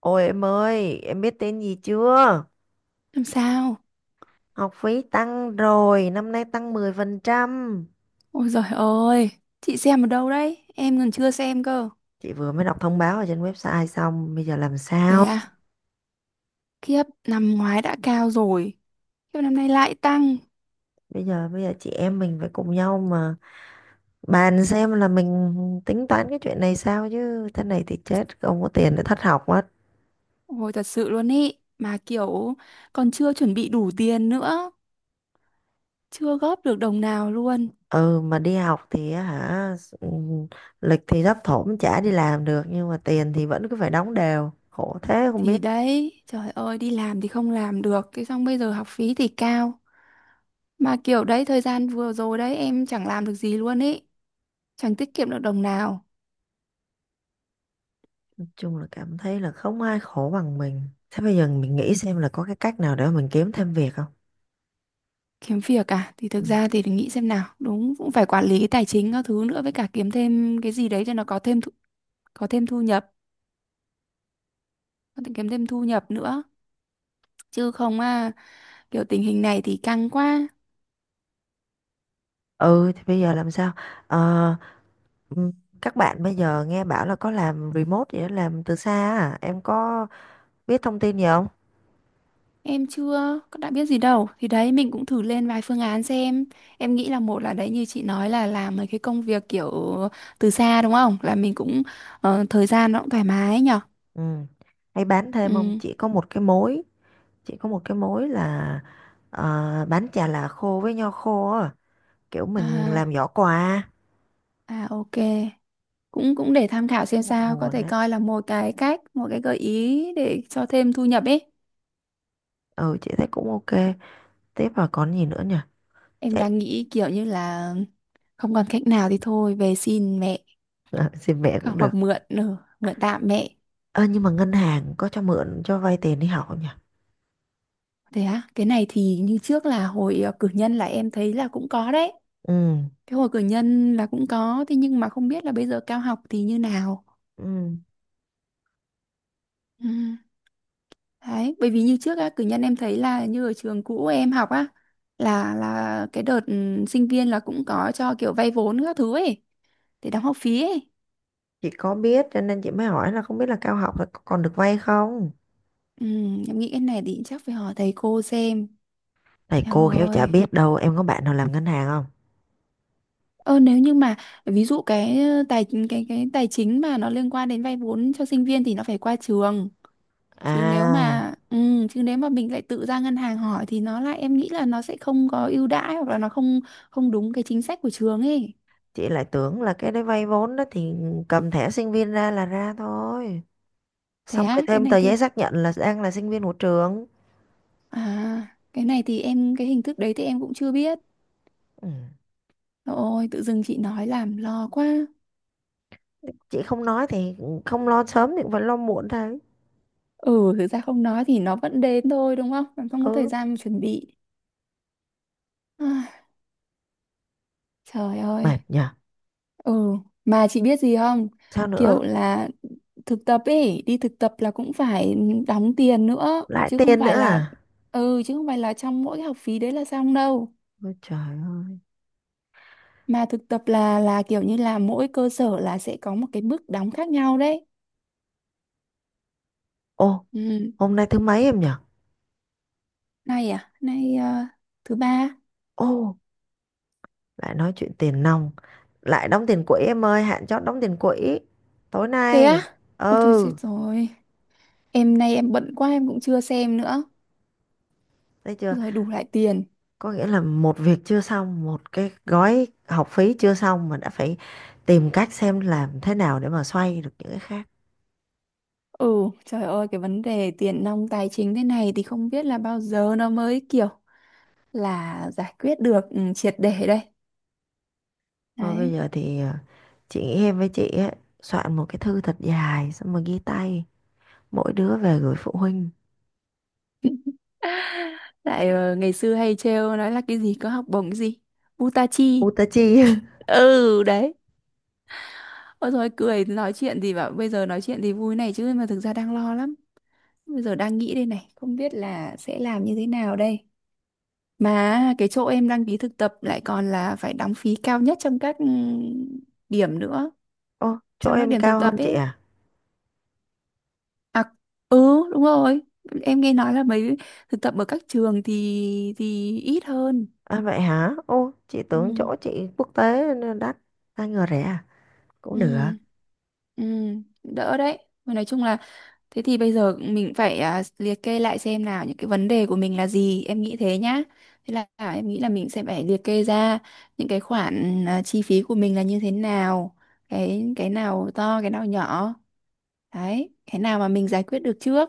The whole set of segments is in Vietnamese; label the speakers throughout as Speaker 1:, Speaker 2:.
Speaker 1: Ôi em ơi, em biết tên gì chưa?
Speaker 2: Làm sao?
Speaker 1: Học phí tăng rồi, năm nay tăng 10%.
Speaker 2: Ôi giời ơi, chị xem ở đâu đấy? Em còn chưa xem cơ.
Speaker 1: Chị vừa mới đọc thông báo ở trên website xong, bây giờ làm
Speaker 2: Thế
Speaker 1: sao?
Speaker 2: à? Khiếp, năm ngoái đã cao rồi. Khiếp năm nay lại tăng.
Speaker 1: Bây giờ chị em mình phải cùng nhau mà bàn xem là mình tính toán cái chuyện này sao chứ thế này thì chết, không có tiền để thất học mất.
Speaker 2: Ôi thật sự luôn ý. Mà kiểu còn chưa chuẩn bị đủ tiền nữa. Chưa góp được đồng nào luôn.
Speaker 1: Ừ mà đi học thì á hả ừ, lịch thì thấp thỏm chả đi làm được nhưng mà tiền thì vẫn cứ phải đóng đều. Khổ thế không
Speaker 2: Thì
Speaker 1: biết
Speaker 2: đấy, trời ơi, đi làm thì không làm được. Thế xong bây giờ học phí thì cao. Mà kiểu đấy, thời gian vừa rồi đấy, em chẳng làm được gì luôn ý. Chẳng tiết kiệm được đồng nào.
Speaker 1: chung là cảm thấy là không ai khổ bằng mình, thế bây giờ mình nghĩ xem là có cái cách nào để mà mình kiếm thêm việc không.
Speaker 2: Kiếm việc à? Thì thực
Speaker 1: Ừ.
Speaker 2: ra thì phải nghĩ xem nào, đúng, cũng phải quản lý cái tài chính các thứ nữa, với cả kiếm thêm cái gì đấy cho nó có thêm thu nhập, có thể kiếm thêm thu nhập nữa chứ không à, kiểu tình hình này thì căng quá.
Speaker 1: Ừ thì bây giờ làm sao? Ờ, ừm, các bạn bây giờ nghe bảo là có làm remote vậy đó, làm từ xa, à em có biết thông tin gì không?
Speaker 2: Em chưa có đã biết gì đâu, thì đấy mình cũng thử lên vài phương án xem. Em nghĩ là, một là đấy, như chị nói là làm mấy cái công việc kiểu từ xa đúng không, là mình cũng thời gian nó cũng thoải mái nhở.
Speaker 1: Ừ, hay bán thêm không,
Speaker 2: Ừ.
Speaker 1: chỉ có một cái mối, chỉ có một cái mối là bán chà là khô với nho khô á, kiểu mình
Speaker 2: À,
Speaker 1: làm giỏ quà.
Speaker 2: à, ok. Cũng cũng để tham khảo xem
Speaker 1: Cũng một
Speaker 2: sao, có
Speaker 1: nguồn
Speaker 2: thể
Speaker 1: đấy,
Speaker 2: coi là một cái cách, một cái gợi ý để cho thêm thu nhập ấy.
Speaker 1: ừ chị thấy cũng ok, tiếp vào còn gì nữa nhỉ?
Speaker 2: Em
Speaker 1: Chạy.
Speaker 2: đang nghĩ kiểu như là không còn cách nào thì thôi về xin mẹ.
Speaker 1: À, xin mẹ cũng
Speaker 2: Hoặc
Speaker 1: được.
Speaker 2: hoặc mượn tạm mẹ.
Speaker 1: Ơ, nhưng mà ngân hàng có cho mượn cho vay tiền đi học không nhỉ?
Speaker 2: Thế á? Cái này thì như trước là hồi cử nhân là em thấy là cũng có đấy.
Speaker 1: Ừ,
Speaker 2: Cái hồi cử nhân là cũng có, thế nhưng mà không biết là bây giờ cao học thì như nào.
Speaker 1: ừ.
Speaker 2: Ừ. Đấy, bởi vì như trước á, cử nhân em thấy là như ở trường cũ em học á, là cái đợt sinh viên là cũng có cho kiểu vay vốn các thứ ấy, để đóng học phí ấy.
Speaker 1: Chị có biết cho nên chị mới hỏi là không biết là cao học là có còn được vay không?
Speaker 2: Ừ, em nghĩ cái này thì chắc phải hỏi thầy cô xem.
Speaker 1: Này
Speaker 2: Trời
Speaker 1: cô khéo chả
Speaker 2: ơi.
Speaker 1: biết đâu, em có bạn nào làm ngân hàng không?
Speaker 2: Ơ, nếu như mà, ví dụ cái ờ, tài cái tài chính mà nó liên quan đến vay vốn cho sinh viên thì nó phải qua trường. chứ nếu
Speaker 1: À,
Speaker 2: mà ừ, chứ nếu mà mình lại tự ra ngân hàng hỏi thì nó lại, em nghĩ là nó sẽ không có ưu đãi hoặc là nó không không đúng cái chính sách của trường ấy.
Speaker 1: chị lại tưởng là cái đấy vay vốn đó thì cầm thẻ sinh viên ra là ra thôi.
Speaker 2: Thế
Speaker 1: Xong
Speaker 2: á?
Speaker 1: rồi
Speaker 2: cái
Speaker 1: thêm
Speaker 2: này
Speaker 1: tờ giấy
Speaker 2: thì
Speaker 1: xác nhận là đang là sinh viên của trường.
Speaker 2: à cái này thì cái hình thức đấy thì em cũng chưa biết.
Speaker 1: Ừ.
Speaker 2: Ôi, tự dưng chị nói làm lo quá.
Speaker 1: Chị không nói thì không lo sớm thì cũng phải lo muộn thôi.
Speaker 2: Ừ, thực ra không nói thì nó vẫn đến thôi đúng không? Bạn không có thời
Speaker 1: Ừ,
Speaker 2: gian mà chuẩn bị. Ai, trời ơi.
Speaker 1: mệt nhỉ.
Speaker 2: Ừ, mà chị biết gì không?
Speaker 1: Sao nữa?
Speaker 2: Kiểu là thực tập ấy, đi thực tập là cũng phải đóng tiền nữa,
Speaker 1: Lại
Speaker 2: chứ không
Speaker 1: tiền nữa
Speaker 2: phải là
Speaker 1: à?
Speaker 2: ừ, chứ không phải là trong mỗi cái học phí đấy là xong đâu.
Speaker 1: Ôi trời ơi.
Speaker 2: Mà thực tập là kiểu như là mỗi cơ sở là sẽ có một cái mức đóng khác nhau đấy.
Speaker 1: Ô,
Speaker 2: Ừ,
Speaker 1: hôm nay thứ mấy em nhỉ?
Speaker 2: nay thứ ba.
Speaker 1: Ô, lại nói chuyện tiền nong. Lại đóng tiền quỹ em ơi, hạn chót đóng tiền quỹ. Tối
Speaker 2: Thế
Speaker 1: nay.
Speaker 2: á? Ôi thôi chết
Speaker 1: Ừ,
Speaker 2: rồi. Em nay em bận quá em cũng chưa xem nữa.
Speaker 1: thấy chưa?
Speaker 2: Rồi đủ lại tiền.
Speaker 1: Có nghĩa là một việc chưa xong, một cái gói học phí chưa xong mà đã phải tìm cách xem làm thế nào để mà xoay được những cái khác.
Speaker 2: Ừ, trời ơi, cái vấn đề tiền nong tài chính thế này thì không biết là bao giờ nó mới kiểu là giải quyết được triệt để đây.
Speaker 1: Thôi bây
Speaker 2: Đấy,
Speaker 1: giờ thì chị nghĩ em với chị ấy, soạn một cái thư thật dài xong rồi ghi tay. Mỗi đứa về gửi phụ huynh.
Speaker 2: lại ngày xưa hay trêu nói là cái gì có học bổng cái gì Butachi.
Speaker 1: U ta chi?
Speaker 2: Ừ, đấy. Ôi, rồi cười nói chuyện thì bảo bây giờ nói chuyện thì vui này, chứ mà thực ra đang lo lắm. Bây giờ đang nghĩ đây này, không biết là sẽ làm như thế nào đây. Mà cái chỗ em đăng ký thực tập lại còn là phải đóng phí cao nhất trong các điểm nữa,
Speaker 1: Ô, chỗ
Speaker 2: trong các
Speaker 1: em
Speaker 2: điểm thực
Speaker 1: cao hơn
Speaker 2: tập
Speaker 1: chị
Speaker 2: ấy.
Speaker 1: à?
Speaker 2: À, ừ, đúng rồi. Em nghe nói là mấy thực tập ở các trường thì ít hơn.
Speaker 1: À vậy hả? Ô, chị tưởng
Speaker 2: Ừ,
Speaker 1: chỗ chị quốc tế nên đắt, ai ngờ rẻ à? Cũng được.
Speaker 2: ừ, ừ, đỡ đấy. Mà nói chung là thế thì bây giờ mình phải liệt kê lại xem nào những cái vấn đề của mình là gì, em nghĩ thế nhá. Thế là em nghĩ là mình sẽ phải liệt kê ra những cái khoản chi phí của mình là như thế nào, cái nào to cái nào nhỏ. Đấy, cái nào mà mình giải quyết được trước,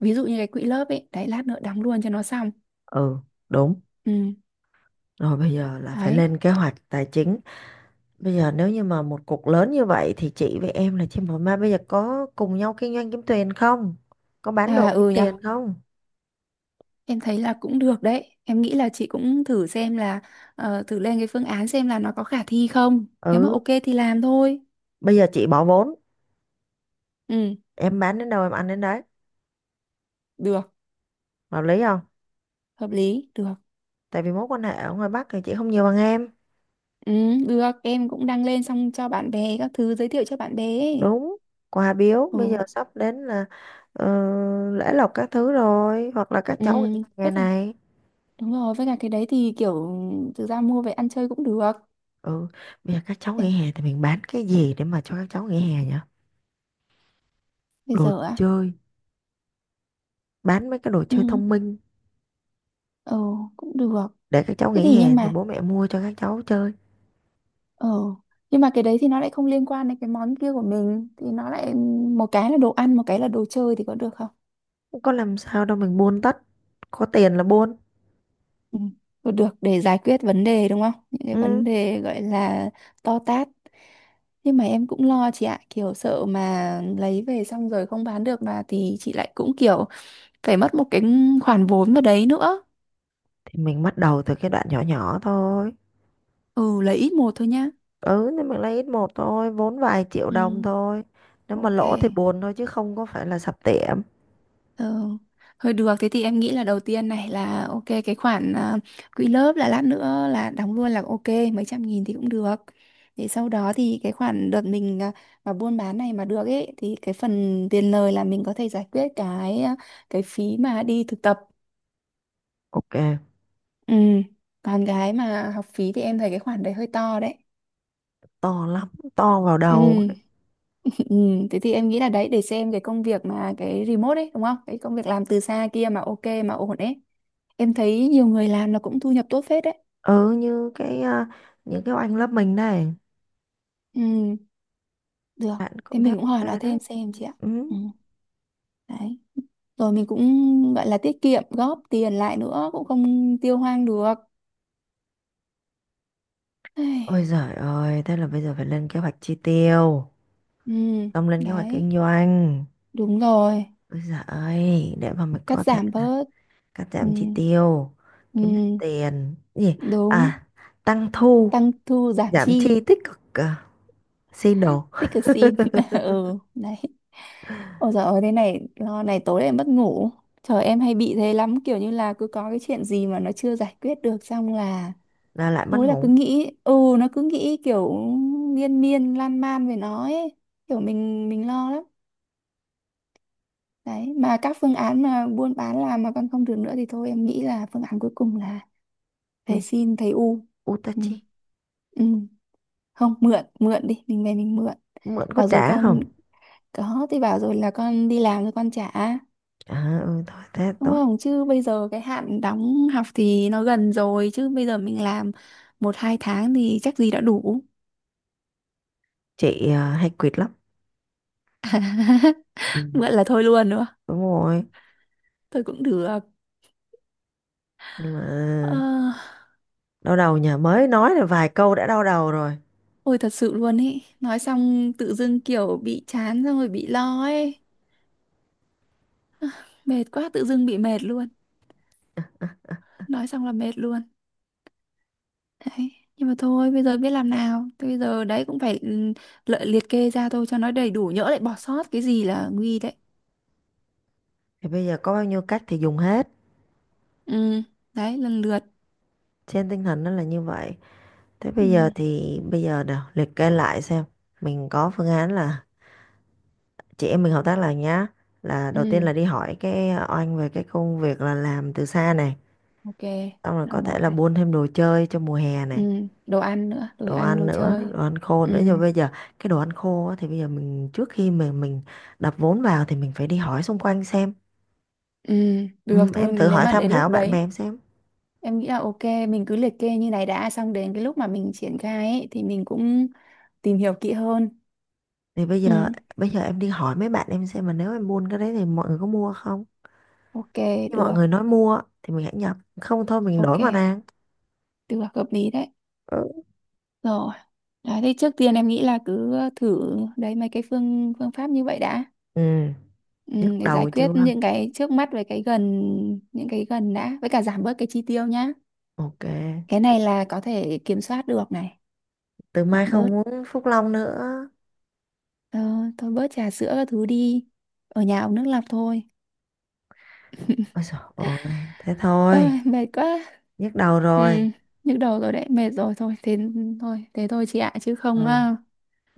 Speaker 2: ví dụ như cái quỹ lớp ấy, đấy lát nữa đóng luôn cho nó xong.
Speaker 1: Ừ, đúng.
Speaker 2: Ừ,
Speaker 1: Rồi bây giờ là phải
Speaker 2: đấy.
Speaker 1: lên kế hoạch tài chính. Bây giờ nếu như mà một cục lớn như vậy thì chị với em là chị mà bây giờ có cùng nhau kinh doanh kiếm tiền không? Có bán
Speaker 2: À,
Speaker 1: đồ kiếm
Speaker 2: ừ nhở.
Speaker 1: tiền không?
Speaker 2: Em thấy là cũng được đấy, em nghĩ là chị cũng thử xem là thử lên cái phương án xem là nó có khả thi không, nếu mà ok
Speaker 1: Ừ,
Speaker 2: thì làm thôi.
Speaker 1: bây giờ chị bỏ vốn,
Speaker 2: Ừ,
Speaker 1: em bán đến đâu em ăn đến đấy.
Speaker 2: được,
Speaker 1: Hợp lý không?
Speaker 2: hợp lý được.
Speaker 1: Tại vì mối quan hệ ở ngoài Bắc thì chị không nhiều bằng em.
Speaker 2: Ừ, được, em cũng đăng lên xong cho bạn bè các thứ, giới thiệu cho bạn bè ấy.
Speaker 1: Đúng, quà biếu
Speaker 2: Ồ.
Speaker 1: bây giờ sắp đến là ờ, lễ lộc các thứ rồi hoặc là các
Speaker 2: Ừ,
Speaker 1: cháu nghỉ hè
Speaker 2: với cả,
Speaker 1: này.
Speaker 2: đúng rồi, với cả cái đấy thì kiểu thực ra mua về ăn chơi cũng được.
Speaker 1: Ừ, bây giờ các cháu
Speaker 2: Em
Speaker 1: nghỉ hè thì mình bán cái gì để mà cho các cháu nghỉ hè nhỉ?
Speaker 2: bây
Speaker 1: Đồ
Speaker 2: giờ á,
Speaker 1: chơi, bán mấy cái đồ chơi
Speaker 2: cũng
Speaker 1: thông minh
Speaker 2: ừ cũng được.
Speaker 1: để các cháu
Speaker 2: thế thì
Speaker 1: nghỉ
Speaker 2: nhưng
Speaker 1: hè thì
Speaker 2: mà
Speaker 1: bố mẹ mua cho các cháu chơi.
Speaker 2: Ờ, nhưng mà cái đấy thì nó lại không liên quan đến cái món kia của mình, thì nó lại một cái là đồ ăn, một cái là đồ chơi, thì có được không?
Speaker 1: Không có làm sao đâu, mình buôn tất, có tiền là buôn.
Speaker 2: Ừ. Được, được, để giải quyết vấn đề đúng không? Những cái
Speaker 1: Ừ
Speaker 2: vấn đề gọi là to tát. Nhưng mà em cũng lo chị ạ, kiểu sợ mà lấy về xong rồi không bán được mà thì chị lại cũng kiểu phải mất một cái khoản vốn vào đấy nữa.
Speaker 1: thì mình bắt đầu từ cái đoạn nhỏ nhỏ thôi,
Speaker 2: Ừ, lấy ít một thôi nhá.
Speaker 1: ừ thì mình lấy ít một thôi, vốn vài triệu đồng
Speaker 2: Ừ,
Speaker 1: thôi, nếu mà
Speaker 2: ok.
Speaker 1: lỗ thì buồn thôi chứ không có phải là sập tiệm.
Speaker 2: Ờ, Thôi được, thế thì em nghĩ là đầu tiên này là ok, cái khoản quỹ lớp là lát nữa là đóng luôn là ok, mấy trăm nghìn thì cũng được. Để sau đó thì cái khoản đợt mình mà buôn bán này mà được ấy, thì cái phần tiền lời là mình có thể giải quyết cái cái phí mà đi thực tập.
Speaker 1: Ok,
Speaker 2: Ừ. Còn cái mà học phí thì em thấy cái khoản đấy hơi to đấy.
Speaker 1: to lắm, to vào
Speaker 2: Ừ,
Speaker 1: đầu ấy.
Speaker 2: ừ, thế thì em nghĩ là đấy, để xem cái công việc mà cái remote ấy đúng không? Cái công việc làm từ xa kia mà ok, mà ổn ấy. Em thấy nhiều người làm là cũng thu nhập tốt phết đấy.
Speaker 1: Ừ như những cái oanh lớp mình này,
Speaker 2: Ừ, được.
Speaker 1: bạn
Speaker 2: Thế
Speaker 1: cũng thấy
Speaker 2: mình cũng
Speaker 1: ok
Speaker 2: hỏi nó
Speaker 1: đấy.
Speaker 2: thêm xem chị ạ. Ừ,
Speaker 1: Ừ.
Speaker 2: đấy. Rồi mình cũng gọi là tiết kiệm, góp tiền lại nữa, cũng không tiêu hoang được. Ai.
Speaker 1: Ôi giời ơi, thế là bây giờ phải lên kế hoạch chi tiêu,
Speaker 2: Ừ,
Speaker 1: xong lên kế hoạch kinh
Speaker 2: đấy.
Speaker 1: doanh.
Speaker 2: Đúng rồi.
Speaker 1: Ôi giời ơi, để mà mình
Speaker 2: Cắt
Speaker 1: có thể
Speaker 2: giảm
Speaker 1: là
Speaker 2: bớt.
Speaker 1: cắt
Speaker 2: Ừ,
Speaker 1: giảm chi tiêu, kiếm được
Speaker 2: ừ,
Speaker 1: tiền gì,
Speaker 2: đúng.
Speaker 1: à tăng thu
Speaker 2: Tăng thu giảm
Speaker 1: giảm
Speaker 2: chi.
Speaker 1: chi tích cực, xin đồ.
Speaker 2: Dickerson ừ đấy. Ôi giời ơi, thế này lo này, tối em mất ngủ. Trời, em hay bị thế lắm, kiểu như là cứ có cái chuyện gì mà nó chưa giải quyết được xong là
Speaker 1: Là lại mất
Speaker 2: tối là cứ
Speaker 1: ngủ.
Speaker 2: nghĩ, nó cứ nghĩ kiểu miên miên lan man về nó ấy, kiểu mình lo lắm. Đấy, mà các phương án mà buôn bán làm mà còn không được nữa thì thôi, em nghĩ là phương án cuối cùng là về
Speaker 1: Đi,
Speaker 2: xin thầy U. Ừ.
Speaker 1: Utachi.
Speaker 2: Ừ. Không, mượn mượn đi, mình về mình mượn
Speaker 1: Mượn có
Speaker 2: và rồi
Speaker 1: trả không?
Speaker 2: con. Có, thì bảo rồi là con đi làm rồi con trả.
Speaker 1: À, ừ, thôi thế
Speaker 2: Đúng
Speaker 1: tốt.
Speaker 2: không? Chứ bây giờ cái hạn đóng học thì nó gần rồi. Chứ bây giờ mình làm một hai tháng thì chắc gì đã đủ.
Speaker 1: Chị à, hay quỵt lắm. Ừ.
Speaker 2: Vậy là thôi luôn nữa.
Speaker 1: Đúng rồi,
Speaker 2: Thôi cũng được.
Speaker 1: nhưng mà
Speaker 2: Ờ,
Speaker 1: đau đầu, nhà mới nói là vài câu đã đau đầu rồi.
Speaker 2: ôi thật sự luôn ý. Nói xong tự dưng kiểu bị chán, xong rồi bị lo ấy. Mệt quá, tự dưng bị mệt luôn. Nói xong là mệt luôn. Đấy. Nhưng mà thôi bây giờ biết làm nào. Thế bây giờ đấy cũng phải liệt kê ra thôi cho nó đầy đủ. Nhỡ lại bỏ sót cái gì là nguy đấy.
Speaker 1: Thì bây giờ có bao nhiêu cách thì dùng hết,
Speaker 2: Ừ, đấy lần lượt.
Speaker 1: trên tinh thần nó là như vậy. Thế
Speaker 2: Ừ,
Speaker 1: bây giờ thì bây giờ nào liệt kê lại xem mình có phương án là chị em mình hợp tác lại nhá. Là đầu tiên
Speaker 2: ừ,
Speaker 1: là đi hỏi cái oanh về cái công việc là làm từ xa này,
Speaker 2: ok,
Speaker 1: xong rồi
Speaker 2: là
Speaker 1: có thể
Speaker 2: một
Speaker 1: là
Speaker 2: này.
Speaker 1: buôn thêm đồ chơi cho mùa hè
Speaker 2: Ừ,
Speaker 1: này,
Speaker 2: đồ ăn nữa, đồ
Speaker 1: đồ
Speaker 2: ăn
Speaker 1: ăn
Speaker 2: đồ
Speaker 1: nữa,
Speaker 2: chơi.
Speaker 1: đồ ăn khô
Speaker 2: Ừ,
Speaker 1: nữa. Nhưng bây giờ cái đồ ăn khô á, thì bây giờ mình trước khi mà mình đập vốn vào thì mình phải đi hỏi xung quanh xem.
Speaker 2: ừ, được
Speaker 1: Ừ,
Speaker 2: thôi,
Speaker 1: em thử
Speaker 2: nếu
Speaker 1: hỏi
Speaker 2: mà
Speaker 1: tham
Speaker 2: đến lúc
Speaker 1: khảo bạn bè
Speaker 2: đấy
Speaker 1: em xem.
Speaker 2: em nghĩ là ok, mình cứ liệt kê như này đã, xong đến cái lúc mà mình triển khai ấy, thì mình cũng tìm hiểu kỹ hơn.
Speaker 1: Thì bây giờ,
Speaker 2: Ừ,
Speaker 1: em đi hỏi mấy bạn em xem mà nếu em buôn cái đấy thì mọi người có mua không?
Speaker 2: ok,
Speaker 1: Khi mọi
Speaker 2: được,
Speaker 1: người nói mua thì mình hãy nhập, không thôi mình đổi
Speaker 2: ok,
Speaker 1: mà ra.
Speaker 2: được, hợp lý đấy.
Speaker 1: Ừ.
Speaker 2: Rồi, đấy thì trước tiên em nghĩ là cứ thử đấy mấy cái phương phương pháp như vậy đã.
Speaker 1: Ừ,
Speaker 2: Ừ,
Speaker 1: nhức
Speaker 2: để giải
Speaker 1: đầu
Speaker 2: quyết
Speaker 1: chưa?
Speaker 2: những cái trước mắt với cái gần, những cái gần đã, với cả giảm bớt cái chi tiêu nhá.
Speaker 1: Ok,
Speaker 2: Cái này là có thể kiểm soát được này.
Speaker 1: từ
Speaker 2: Giảm
Speaker 1: mai
Speaker 2: bớt.
Speaker 1: không uống Phúc Long nữa.
Speaker 2: ờ, Thôi bớt trà sữa các thứ đi, ở nhà uống nước lọc thôi.
Speaker 1: Ôi trời ơi, thế thôi,
Speaker 2: Ơi mệt quá.
Speaker 1: nhức đầu
Speaker 2: Ừ,
Speaker 1: rồi.
Speaker 2: nhức đầu rồi đấy, mệt rồi thôi, thế thôi, thế thôi chị ạ, chứ
Speaker 1: Ừ,
Speaker 2: không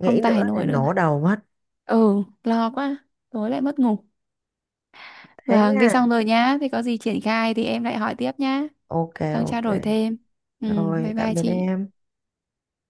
Speaker 2: không
Speaker 1: nữa
Speaker 2: tải
Speaker 1: thì
Speaker 2: nổi nữa rồi.
Speaker 1: nổ đầu mất.
Speaker 2: Ừ, lo quá tối lại mất ngủ.
Speaker 1: Thế
Speaker 2: Vâng, thế
Speaker 1: nha.
Speaker 2: xong rồi nhá, thì có gì triển khai thì em lại hỏi tiếp nhá,
Speaker 1: Ok,
Speaker 2: xong trao
Speaker 1: ok.
Speaker 2: đổi thêm. Ừ,
Speaker 1: Rồi,
Speaker 2: bye
Speaker 1: tạm
Speaker 2: bye
Speaker 1: biệt
Speaker 2: chị.
Speaker 1: em.